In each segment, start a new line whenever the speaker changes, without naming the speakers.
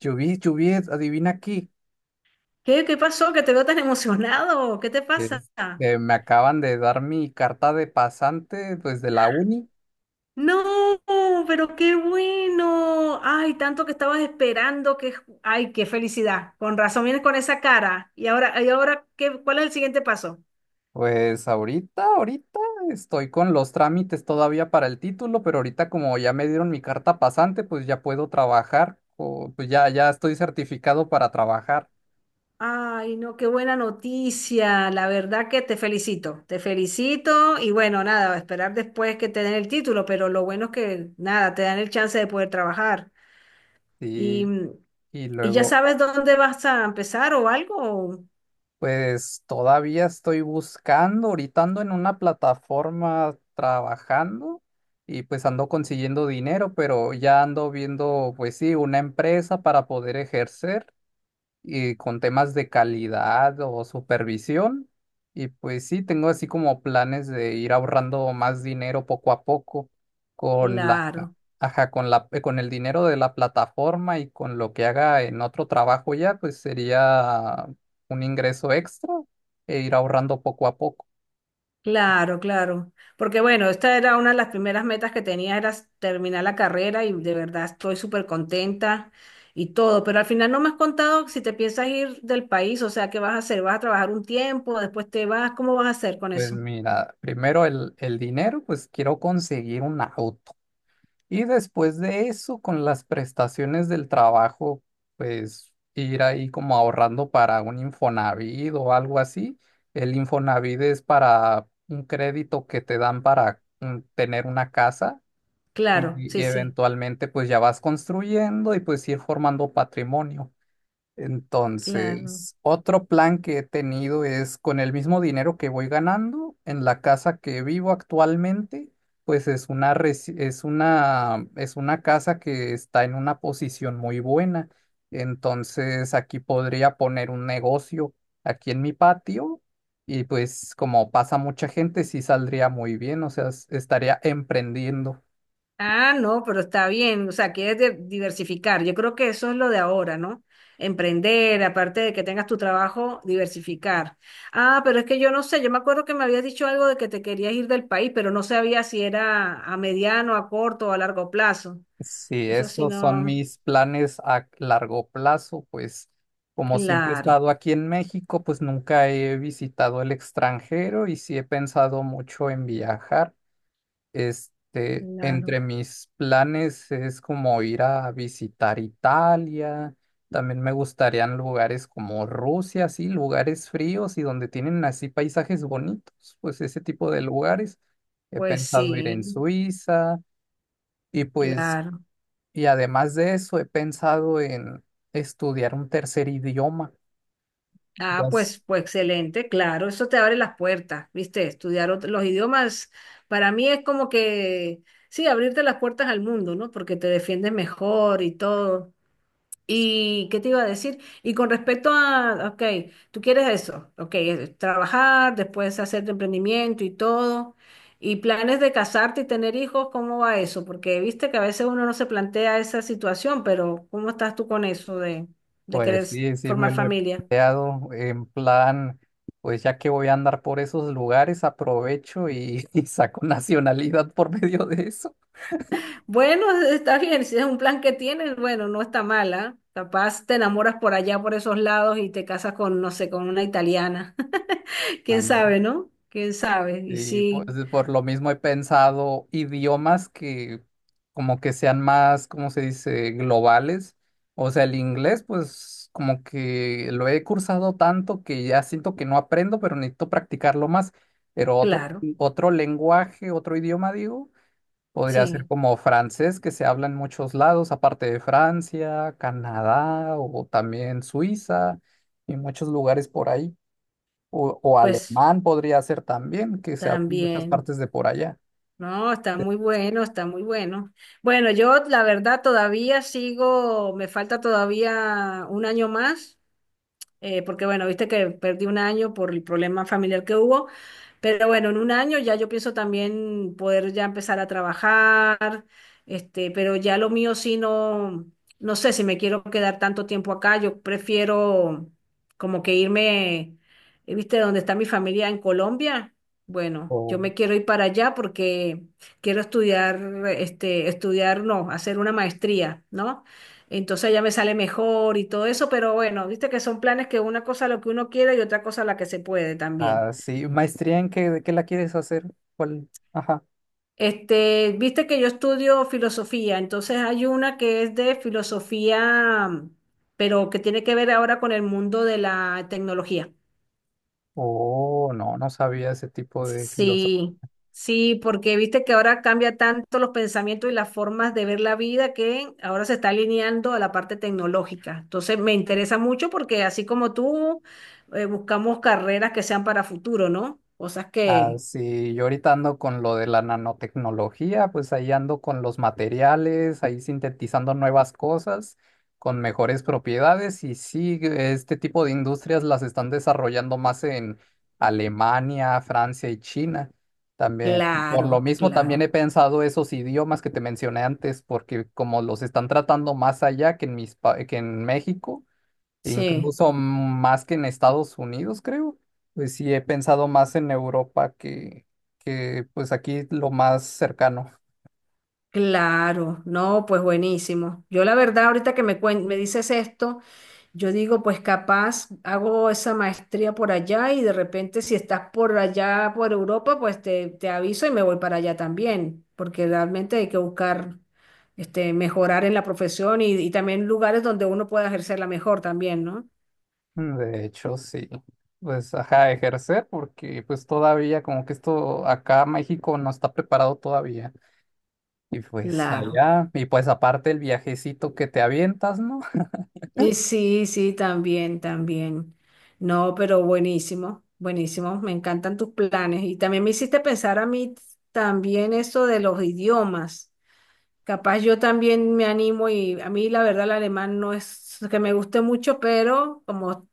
Chubis, Chubis, adivina aquí.
¿Qué pasó? ¿Que te veo tan emocionado? ¿Qué te pasa?
Me acaban de dar mi carta de pasante, pues de la uni.
No, pero qué bueno. Ay, tanto que estabas esperando que... Ay, qué felicidad. Con razón vienes con esa cara. Y ahora ¿qué, cuál es el siguiente paso?
Pues ahorita estoy con los trámites todavía para el título, pero ahorita como ya me dieron mi carta pasante, pues ya puedo trabajar, o, pues ya, ya estoy certificado para trabajar.
Ay, no, qué buena noticia. La verdad que te felicito. Te felicito y bueno, nada, a esperar después que te den el título, pero lo bueno es que nada, te dan el chance de poder trabajar. Y,
Y, y
y ya
luego,
sabes dónde vas a empezar o algo.
pues todavía estoy buscando, ahorita ando en una plataforma trabajando y pues ando consiguiendo dinero, pero ya ando viendo, pues sí, una empresa para poder ejercer y con temas de calidad o supervisión. Y pues sí, tengo así como planes de ir ahorrando más dinero poco a poco con la.
Claro.
Ajá, con el dinero de la plataforma y con lo que haga en otro trabajo ya, pues sería un ingreso extra e ir ahorrando poco a poco.
Claro, claro. Porque bueno, esta era una de las primeras metas que tenía, era terminar la carrera y de verdad estoy súper contenta y todo. Pero al final no me has contado si te piensas ir del país, o sea, ¿qué vas a hacer? ¿Vas a trabajar un tiempo? ¿Después te vas? ¿Cómo vas a hacer con
Pues
eso?
mira, primero el dinero, pues quiero conseguir un auto. Y después de eso, con las prestaciones del trabajo, pues ir ahí como ahorrando para un Infonavit o algo así. El Infonavit es para un crédito que te dan para tener una casa.
Claro,
Y
sí, sí,
eventualmente pues ya vas construyendo y pues ir formando patrimonio.
claro.
Entonces, otro plan que he tenido es con el mismo dinero que voy ganando en la casa que vivo actualmente, pues es una casa que está en una posición muy buena. Entonces, aquí podría poner un negocio aquí en mi patio y pues como pasa mucha gente, sí saldría muy bien, o sea, estaría emprendiendo.
Ah, no, pero está bien, o sea, quieres diversificar. Yo creo que eso es lo de ahora, ¿no? Emprender, aparte de que tengas tu trabajo, diversificar. Ah, pero es que yo no sé, yo me acuerdo que me habías dicho algo de que te querías ir del país, pero no sabía si era a mediano, a corto o a largo plazo.
Sí,
Eso sí,
esos son
no.
mis planes a largo plazo, pues como siempre he
Claro,
estado aquí en México, pues nunca he visitado el extranjero y sí he pensado mucho en viajar. Este,
claro.
entre mis planes es como ir a visitar Italia, también me gustarían lugares como Rusia, sí, lugares fríos y donde tienen así paisajes bonitos, pues ese tipo de lugares. He
Pues
pensado ir en
sí,
Suiza. Y pues,
claro.
y además de eso, he pensado en estudiar un tercer idioma. Ya
Ah,
s-
pues excelente, claro, eso te abre las puertas, ¿viste? Estudiar los idiomas para mí es como que, sí, abrirte las puertas al mundo, ¿no? Porque te defiendes mejor y todo. ¿Y qué te iba a decir? Y con respecto a, ok, tú quieres eso, ok, es trabajar, después hacer tu emprendimiento y todo, y planes de casarte y tener hijos, ¿cómo va eso? Porque viste que a veces uno no se plantea esa situación, pero ¿cómo estás tú con eso de querer
Pues sí, sí, me
formar
lo he
familia?
planteado en plan, pues ya que voy a andar por esos lugares, aprovecho y, y saco nacionalidad por medio de eso.
Bueno, está bien, si es un plan que tienes, bueno, no está mala. Capaz te enamoras por allá, por esos lados y te casas con, no sé, con una italiana. ¿Quién sabe, no? ¿Quién sabe? Y
Y pues
sí,
por lo mismo he pensado idiomas que como que sean más, ¿cómo se dice?, globales. O sea, el inglés, pues como que lo he cursado tanto que ya siento que no aprendo, pero necesito practicarlo más. Pero otro,
claro,
otro lenguaje, otro idioma, digo, podría ser
sí,
como francés, que se habla en muchos lados, aparte de Francia, Canadá o también Suiza y muchos lugares por ahí. O
pues
alemán podría ser también, que se habla en muchas
también.
partes de por allá.
No, está muy bueno, está muy bueno. Bueno, yo la verdad todavía sigo, me falta todavía un año más porque bueno, viste que perdí un año por el problema familiar que hubo, pero bueno, en un año ya yo pienso también poder ya empezar a trabajar, pero ya lo mío sí no, no sé si me quiero quedar tanto tiempo acá, yo prefiero como que irme, viste, donde está mi familia en Colombia. Bueno, yo
O
me quiero ir para allá porque quiero estudiar, no, hacer una maestría, ¿no? Entonces ya me sale mejor y todo eso, pero bueno, viste que son planes que una cosa lo que uno quiere y otra cosa la que se puede también.
así, ¿maestría en qué, de qué la quieres hacer? ¿Cuál? Ajá.
Viste que yo estudio filosofía, entonces hay una que es de filosofía, pero que tiene que ver ahora con el mundo de la tecnología.
Oh, no, no sabía ese tipo de.
Sí, sí, porque viste que ahora cambia tanto los pensamientos y las formas de ver la vida que ahora se está alineando a la parte tecnológica. Entonces me interesa mucho porque así como tú, buscamos carreras que sean para futuro, ¿no? Cosas
Ah,
que,
sí, yo ahorita ando con lo de la nanotecnología, pues ahí ando con los materiales, ahí sintetizando nuevas cosas con mejores propiedades y sí, este tipo de industrias las están desarrollando más en Alemania, Francia y China. También, por lo
claro,
mismo, también
claro,
he pensado esos idiomas que te mencioné antes, porque como los están tratando más allá que en mis, que en México.
sí,
Incluso más que en Estados Unidos, creo. Pues sí, he pensado más en Europa que pues aquí lo más cercano.
claro, no, pues buenísimo. Yo la verdad, ahorita que me, me dices esto. Yo digo, pues capaz hago esa maestría por allá y de repente si estás por allá, por Europa, pues te aviso y me voy para allá también, porque realmente hay que buscar mejorar en la profesión y también lugares donde uno pueda ejercerla mejor también, ¿no?
Mm, de hecho, sí. Pues, ajá, ejercer, porque pues todavía como que esto acá México no está preparado todavía. Y pues
Claro.
allá, y pues aparte el viajecito que te avientas, ¿no?
Y sí, sí, también, también. No, pero buenísimo, buenísimo. Me encantan tus planes. Y también me hiciste pensar a mí también eso de los idiomas. Capaz yo también me animo y a mí la verdad el alemán no es que me guste mucho, pero como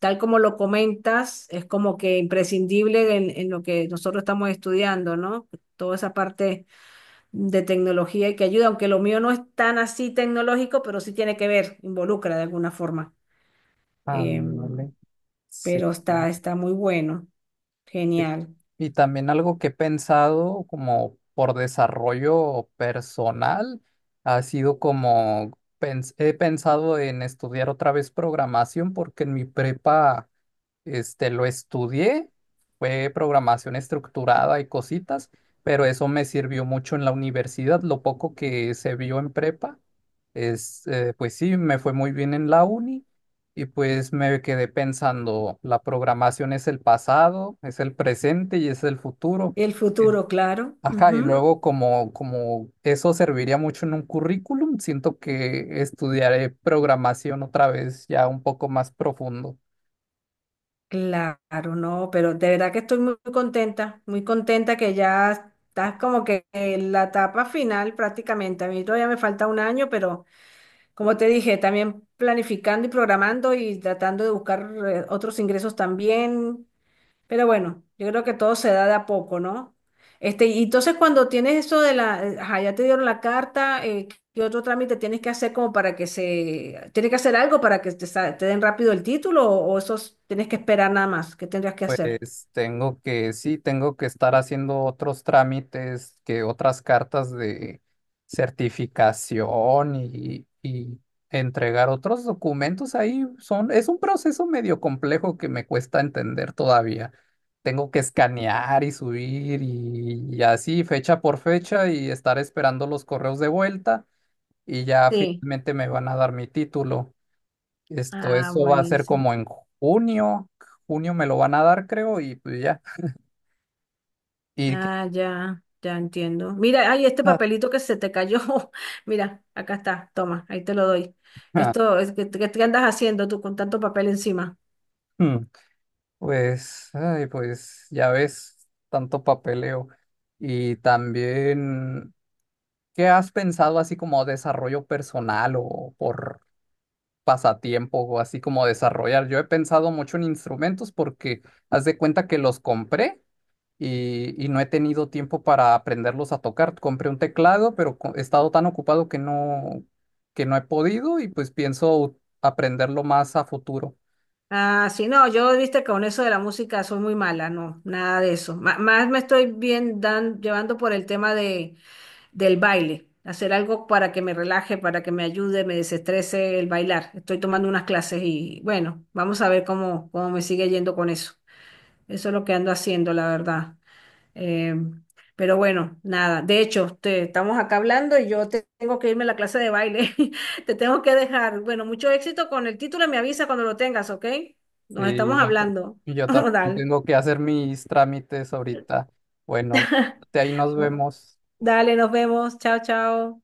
tal como lo comentas, es como que imprescindible en lo que nosotros estamos estudiando, ¿no? Toda esa parte de tecnología y que ayuda, aunque lo mío no es tan así tecnológico, pero sí tiene que ver, involucra de alguna forma. Em,
Ándale, sí.
pero está, está muy bueno,
Y
genial.
y también algo que he pensado como por desarrollo personal ha sido como he pensado en estudiar otra vez programación porque en mi prepa este, lo estudié, fue programación estructurada y cositas, pero eso me sirvió mucho en la universidad. Lo poco que se vio en prepa, pues sí, me fue muy bien en la uni y pues me quedé pensando, la programación es el pasado, es el presente y es el futuro.
El futuro, claro.
Ajá, y
Ujú.
luego como, como eso serviría mucho en un currículum, siento que estudiaré programación otra vez ya un poco más profundo.
Claro, no, pero de verdad que estoy muy contenta que ya estás como que en la etapa final prácticamente. A mí todavía me falta un año, pero como te dije, también planificando y programando y tratando de buscar otros ingresos también. Pero bueno, yo creo que todo se da de a poco, ¿no? Y entonces cuando tienes eso de la, ajá, ya te dieron la carta, ¿qué otro trámite tienes que hacer como para que se, tienes que hacer algo para que te, te den rápido el título o eso tienes que esperar nada más? ¿Qué tendrías que hacer?
Pues tengo que, sí, tengo que estar haciendo otros trámites, que otras cartas de certificación y entregar otros documentos ahí. Son, es un proceso medio complejo que me cuesta entender todavía. Tengo que escanear y subir y así, fecha por fecha, y estar esperando los correos de vuelta y ya
Sí.
finalmente me van a dar mi título. Esto,
Ah,
eso va a ser
buenísimo.
como en junio. Junio me lo van a dar, creo, y pues ya. Y qué-
Ah, ya, ya entiendo. Mira, ay, este
Ah,
papelito que se te cayó. Mira, acá está, toma, ahí te lo doy. Esto, es, ¿qué, qué andas haciendo tú con tanto papel encima?
hmm, pues, ay, pues ya ves, tanto papeleo. Y también, ¿qué has pensado así como desarrollo personal o por pasatiempo o así como desarrollar? Yo he pensado mucho en instrumentos porque haz de cuenta que los compré y no he tenido tiempo para aprenderlos a tocar. Compré un teclado, pero he estado tan ocupado que no, he podido y pues pienso aprenderlo más a futuro.
Ah, sí, no, yo viste con eso de la música soy muy mala, no, nada de eso. Más me estoy bien dan, llevando por el tema de, del baile, hacer algo para que me relaje, para que me ayude, me desestrese el bailar. Estoy tomando unas clases y bueno, vamos a ver cómo, cómo me sigue yendo con eso. Eso es lo que ando haciendo, la verdad. Em, pero bueno, nada. De hecho, te, estamos acá hablando y yo tengo que irme a la clase de baile. Te tengo que dejar. Bueno, mucho éxito con el título. Y Me avisa cuando lo tengas, ¿ok? Nos
Sí,
estamos hablando.
yo también
Dale.
tengo que hacer mis trámites ahorita. Bueno, ahí nos vemos.
Dale, nos vemos. Chao, chao.